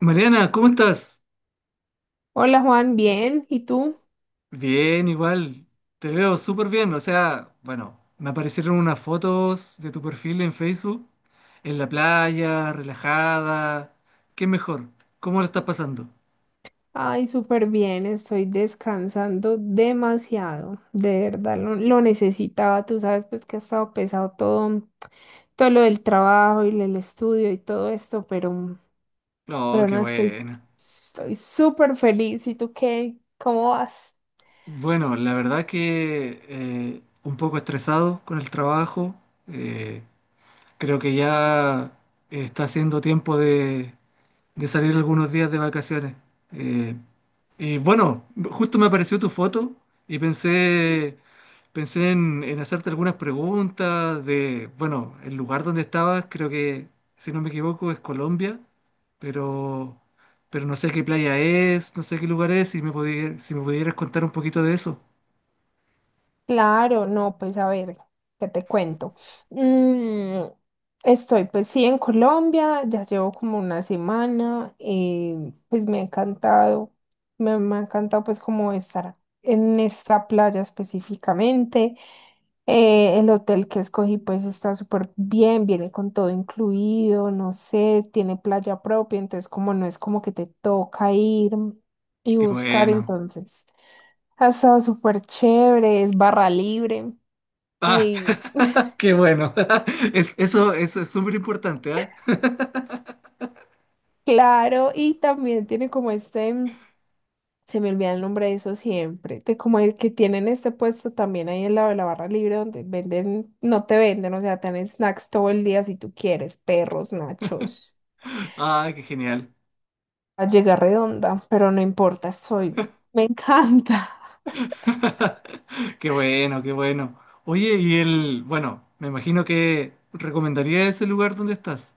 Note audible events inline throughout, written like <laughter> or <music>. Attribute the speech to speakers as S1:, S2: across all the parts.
S1: Mariana, ¿cómo estás?
S2: Hola Juan, bien. ¿Y tú?
S1: Bien, igual. Te veo súper bien. O sea, bueno, me aparecieron unas fotos de tu perfil en Facebook, en la playa, relajada. ¿Qué mejor? ¿Cómo lo estás pasando?
S2: Ay, súper bien. Estoy descansando demasiado. De verdad, lo necesitaba. Tú sabes, pues que ha estado pesado todo, todo lo del trabajo y el estudio y todo esto,
S1: Oh,
S2: pero no
S1: qué
S2: estoy,
S1: buena.
S2: estoy súper feliz. ¿Y tú qué? ¿Cómo vas?
S1: Bueno, la verdad que un poco estresado con el trabajo. eh, Creo que ya está haciendo tiempo de salir algunos días de vacaciones. Eh, y bueno, justo me apareció tu foto y pensé, pensé en hacerte algunas preguntas de, bueno, el lugar donde estabas, creo que, si no me equivoco, es Colombia, pero, pero no sé qué playa es, no sé qué lugar es, y si me pudieras contar un poquito de eso.
S2: Claro, no, pues a ver, ¿qué te cuento? Mm, estoy pues sí en Colombia, ya llevo como una semana, pues me ha encantado, me ha encantado pues como estar en esta playa específicamente. El hotel que escogí pues está súper bien, viene con todo incluido, no sé, tiene playa propia, entonces como no es como que te toca ir y
S1: Qué
S2: buscar
S1: bueno.
S2: entonces. Ha estado súper chévere, es barra libre.
S1: Ah,
S2: Ay,
S1: <laughs> qué bueno. <laughs> Es, eso es súper importante, ¿ah?
S2: claro, y también tiene como este, se me olvida el nombre de eso siempre, de como el que tienen este puesto también ahí al lado de la barra libre donde venden, no te venden, o sea, tienen snacks todo el día si tú quieres, perros, nachos,
S1: Ah, qué genial.
S2: a llegar redonda, pero no importa, soy, me encanta.
S1: <laughs> Qué bueno, qué bueno. Oye, y el, bueno, me imagino que recomendaría ese lugar donde estás.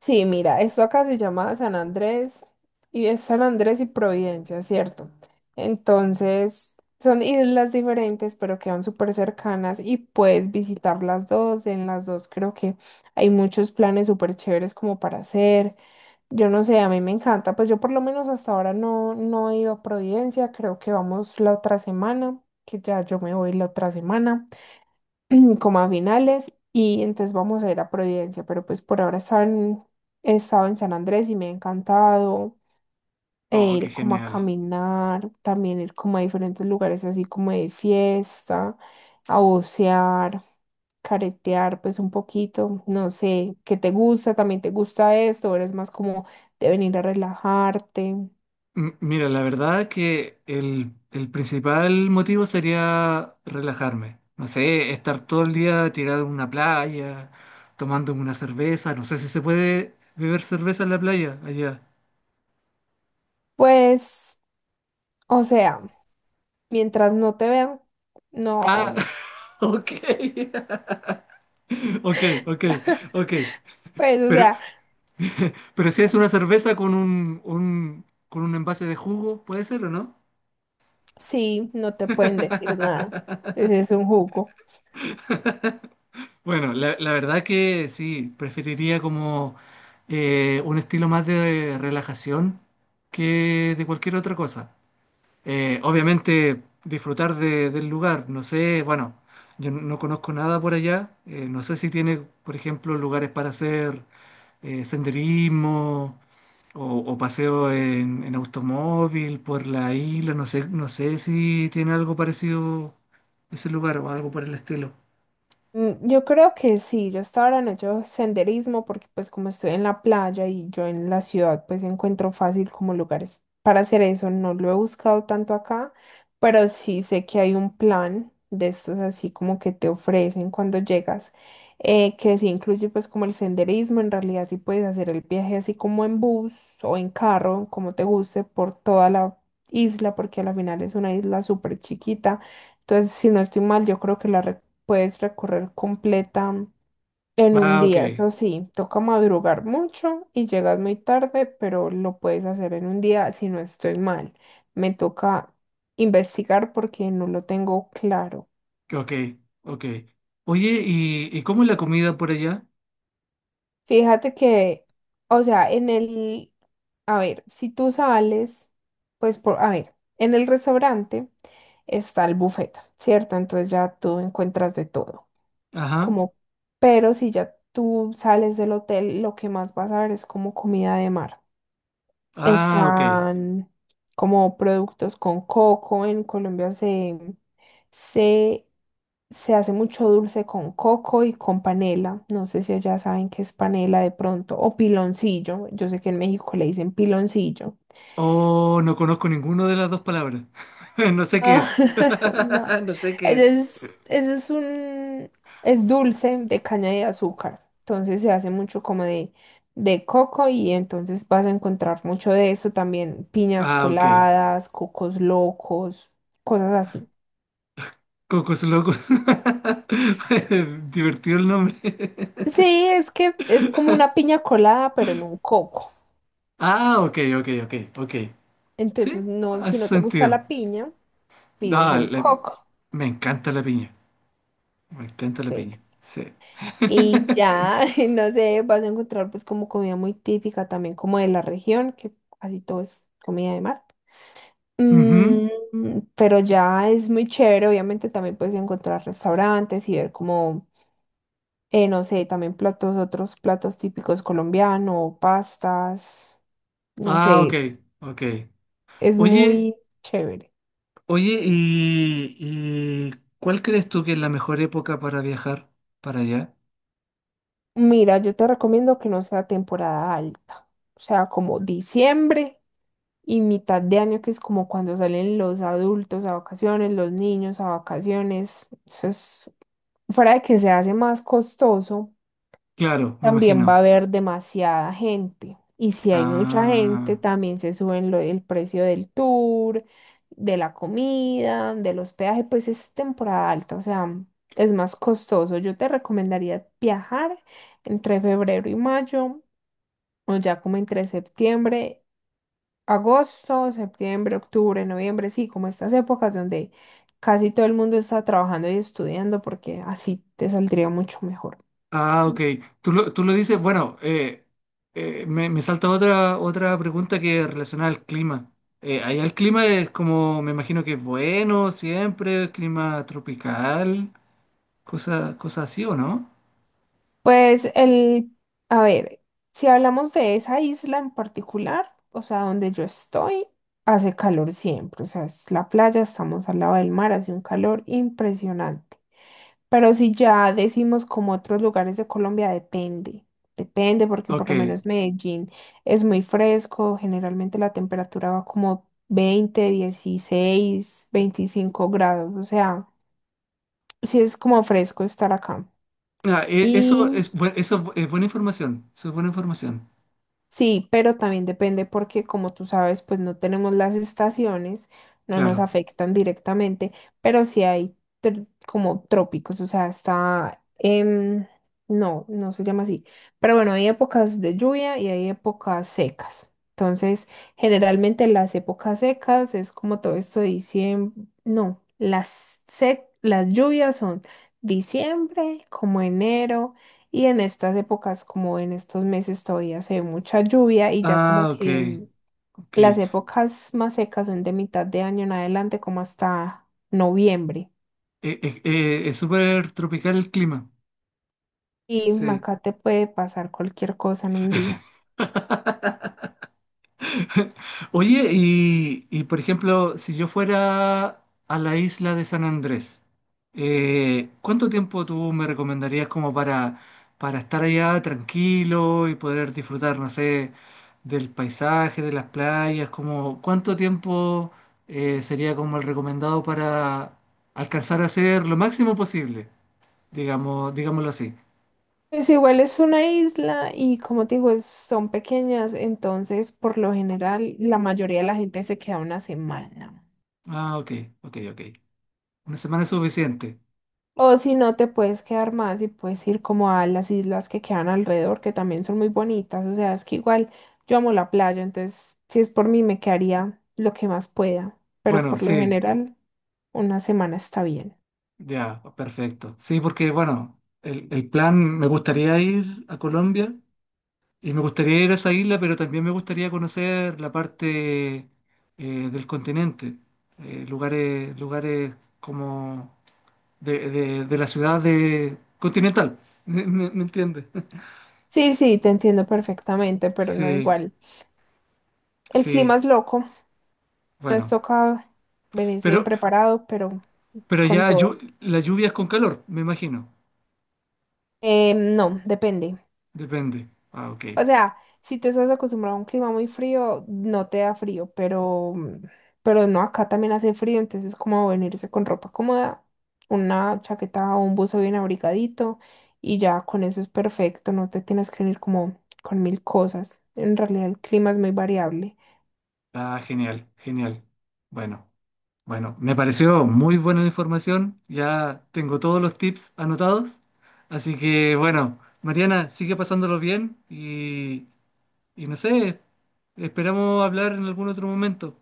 S2: Sí, mira, esto acá se llama San Andrés y es San Andrés y Providencia, ¿cierto? Entonces, son islas diferentes, pero quedan súper cercanas y puedes visitar las dos. En las dos creo que hay muchos planes súper chéveres como para hacer. Yo no sé, a mí me encanta, pues yo por lo menos hasta ahora no he ido a Providencia, creo que vamos la otra semana, que ya yo me voy la otra semana. <clears throat> Como a finales y entonces vamos a ir a Providencia, pero pues por ahora están, he estado en San Andrés y me ha encantado e
S1: Oh, qué
S2: ir como a
S1: genial.
S2: caminar, también ir como a diferentes lugares así como de fiesta, a bucear, caretear pues un poquito, no sé, ¿qué te gusta? ¿También te gusta esto? ¿O eres más como de venir a relajarte?
S1: Mira, la verdad que el principal motivo sería relajarme. No sé, estar todo el día tirado en una playa, tomando una cerveza. No sé si se puede beber cerveza en la playa allá.
S2: Pues, o sea, mientras no te vean,
S1: Ah,
S2: no,
S1: <laughs> ok. <laughs> Ok, ok, ok.
S2: pues, o
S1: Pero,
S2: sea...
S1: <laughs> pero si es una cerveza con un, con un envase de jugo, ¿puede ser o no?
S2: Sí, no te pueden decir nada. Entonces es un jugo.
S1: Bueno, la verdad que sí, preferiría como un estilo más de relajación que de cualquier otra cosa. Obviamente disfrutar del lugar, no sé, bueno, yo no conozco nada por allá, no sé si tiene, por ejemplo, lugares para hacer senderismo o paseo en automóvil por la isla. No sé, no sé si tiene algo parecido ese lugar o algo por el estilo.
S2: Yo creo que sí, yo hasta ahora no he hecho senderismo porque pues como estoy en la playa y yo en la ciudad pues encuentro fácil como lugares para hacer eso, no lo he buscado tanto acá, pero sí sé que hay un plan de estos así como que te ofrecen cuando llegas, que sí incluye pues como el senderismo, en realidad sí puedes hacer el viaje así como en bus o en carro, como te guste, por toda la isla porque a la final es una isla súper chiquita. Entonces, si no estoy mal, yo creo que la puedes recorrer completa en un
S1: Ah, ok,
S2: día. Eso sí, toca madrugar mucho y llegas muy tarde, pero lo puedes hacer en un día si no estoy mal. Me toca investigar porque no lo tengo claro.
S1: ok, ok. Oye, ¿y cómo es la comida por allá?
S2: Fíjate que, o sea, en el, a ver, si tú sales, pues por, a ver, en el restaurante está el buffet, ¿cierto? Entonces ya tú encuentras de todo.
S1: Ajá.
S2: Como, pero si ya tú sales del hotel, lo que más vas a ver es como comida de mar.
S1: Ah, ok.
S2: Están como productos con coco. En Colombia se, se hace mucho dulce con coco y con panela. No sé si ya saben qué es panela de pronto. O piloncillo. Yo sé que en México le dicen piloncillo.
S1: Oh, no conozco ninguna de las dos palabras. <laughs> No sé qué
S2: Ah,
S1: es.
S2: <laughs> no,
S1: <laughs> No sé qué es.
S2: eso es un, es dulce de caña de azúcar, entonces se hace mucho como de coco y entonces vas a encontrar mucho de eso también, piñas
S1: Ah, ok.
S2: coladas, cocos locos, cosas así.
S1: Cocos locos. <laughs> Divertido el nombre.
S2: Sí, es que es como una piña colada, pero en un coco.
S1: Ah, ok, ok, ok, ok.
S2: Entonces,
S1: Sí,
S2: no, si
S1: hace
S2: no te gusta
S1: sentido.
S2: la piña, pides
S1: Ah,
S2: el
S1: la-
S2: coco.
S1: me encanta la piña. Me encanta la
S2: Sí.
S1: piña. Sí.
S2: Y
S1: <laughs>
S2: ya, <laughs> no sé, vas a encontrar pues como comida muy típica también como de la región, que casi todo es comida de mar.
S1: Ujú.
S2: Mm, pero ya es muy chévere, obviamente también puedes encontrar restaurantes y ver como, no sé, también platos, otros platos típicos colombianos, pastas, no
S1: Ah, ok,
S2: sé,
S1: ok.
S2: es
S1: Oye,
S2: muy chévere.
S1: oye, ¿y cuál crees tú que es la mejor época para viajar para allá?
S2: Mira, yo te recomiendo que no sea temporada alta, o sea, como diciembre y mitad de año, que es como cuando salen los adultos a vacaciones, los niños a vacaciones. Eso es, fuera de que se hace más costoso,
S1: Claro, me
S2: también va a
S1: imagino.
S2: haber demasiada gente. Y si hay mucha gente,
S1: Ah.
S2: también se suben el precio del tour, de la comida, del hospedaje, pues es temporada alta, o sea, es más costoso. Yo te recomendaría viajar entre febrero y mayo o ya como entre septiembre, agosto, septiembre, octubre, noviembre, sí, como estas épocas donde casi todo el mundo está trabajando y estudiando porque así te saldría mucho mejor.
S1: Ah, ok. Tú lo dices, bueno, me, me salta otra, otra pregunta que es relacionada al clima. Allá el clima es como, me imagino que es bueno siempre, clima tropical, cosas cosas así, ¿o no?
S2: Pues el, a ver, si hablamos de esa isla en particular, o sea, donde yo estoy, hace calor siempre, o sea, es la playa, estamos al lado del mar, hace un calor impresionante. Pero si ya decimos como otros lugares de Colombia, depende. Depende porque por
S1: Ok.
S2: lo menos Medellín es muy fresco, generalmente la temperatura va como 20 16 25 grados, o sea, sí es como fresco estar acá.
S1: Ah, eso es, eso es es buena información, eso es buena información,
S2: Sí, pero también depende porque, como tú sabes, pues no tenemos las estaciones, no nos
S1: claro.
S2: afectan directamente, pero sí hay como trópicos, o sea, está, no, no se llama así, pero bueno, hay épocas de lluvia y hay épocas secas. Entonces, generalmente las épocas secas es como todo esto de diciembre, no, las lluvias son diciembre, como enero. Y en estas épocas, como en estos meses, todavía se ve mucha lluvia y ya como
S1: Ah, ok,
S2: que.
S1: ok.
S2: Las épocas más secas son de mitad de año en adelante, como hasta noviembre.
S1: Es súper tropical el clima.
S2: Y
S1: Sí.
S2: acá te puede pasar cualquier cosa en un día.
S1: <laughs> Oye, y, por ejemplo, si yo fuera a la isla de San Andrés, ¿cuánto tiempo tú me recomendarías como para estar allá tranquilo y poder disfrutar, no sé, del paisaje, de las playas? Como, ¿cuánto tiempo sería como el recomendado para alcanzar a hacer lo máximo posible? Digamos, digámoslo así.
S2: Pues igual es una isla y como te digo, son pequeñas, entonces por lo general la mayoría de la gente se queda una semana.
S1: Ah, ok, ok, ok. Una semana es suficiente.
S2: O si no, te puedes quedar más y puedes ir como a las islas que quedan alrededor, que también son muy bonitas. O sea, es que igual yo amo la playa, entonces si es por mí me quedaría lo que más pueda, pero
S1: Bueno,
S2: por lo
S1: sí.
S2: general una semana está bien.
S1: Ya, perfecto. Sí, porque bueno, el plan, me gustaría ir a Colombia y me gustaría ir a esa isla, pero también me gustaría conocer la parte del continente, lugares, lugares como de, de la ciudad de continental, <laughs> ¿me, me entiendes? <laughs>
S2: Sí, sí, te entiendo perfectamente, pero no
S1: Sí,
S2: igual. El clima
S1: sí,
S2: es loco, entonces
S1: bueno.
S2: toca venirse bien
S1: Pero,
S2: preparado, pero
S1: pero
S2: con
S1: ya
S2: todo.
S1: la lluvia es con calor, me imagino.
S2: No, depende.
S1: Depende. Ah, ok.
S2: O sea, si tú estás acostumbrado a un clima muy frío, no te da frío, pero, pero no, acá también hace frío, entonces es como venirse con ropa cómoda, una chaqueta o un buzo bien abrigadito y ya con eso es perfecto, no te tienes que venir como con mil cosas. En realidad el clima es muy variable.
S1: Ah, genial, genial. Bueno. Bueno, me pareció muy buena la información, ya tengo todos los tips anotados, así que bueno, Mariana, sigue pasándolo bien y no sé, esperamos hablar en algún otro momento.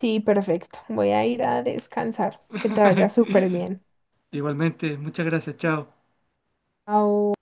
S2: Sí, perfecto. Voy a ir a descansar. Que te vaya súper
S1: <laughs>
S2: bien.
S1: Igualmente, muchas gracias, chao.
S2: Chao.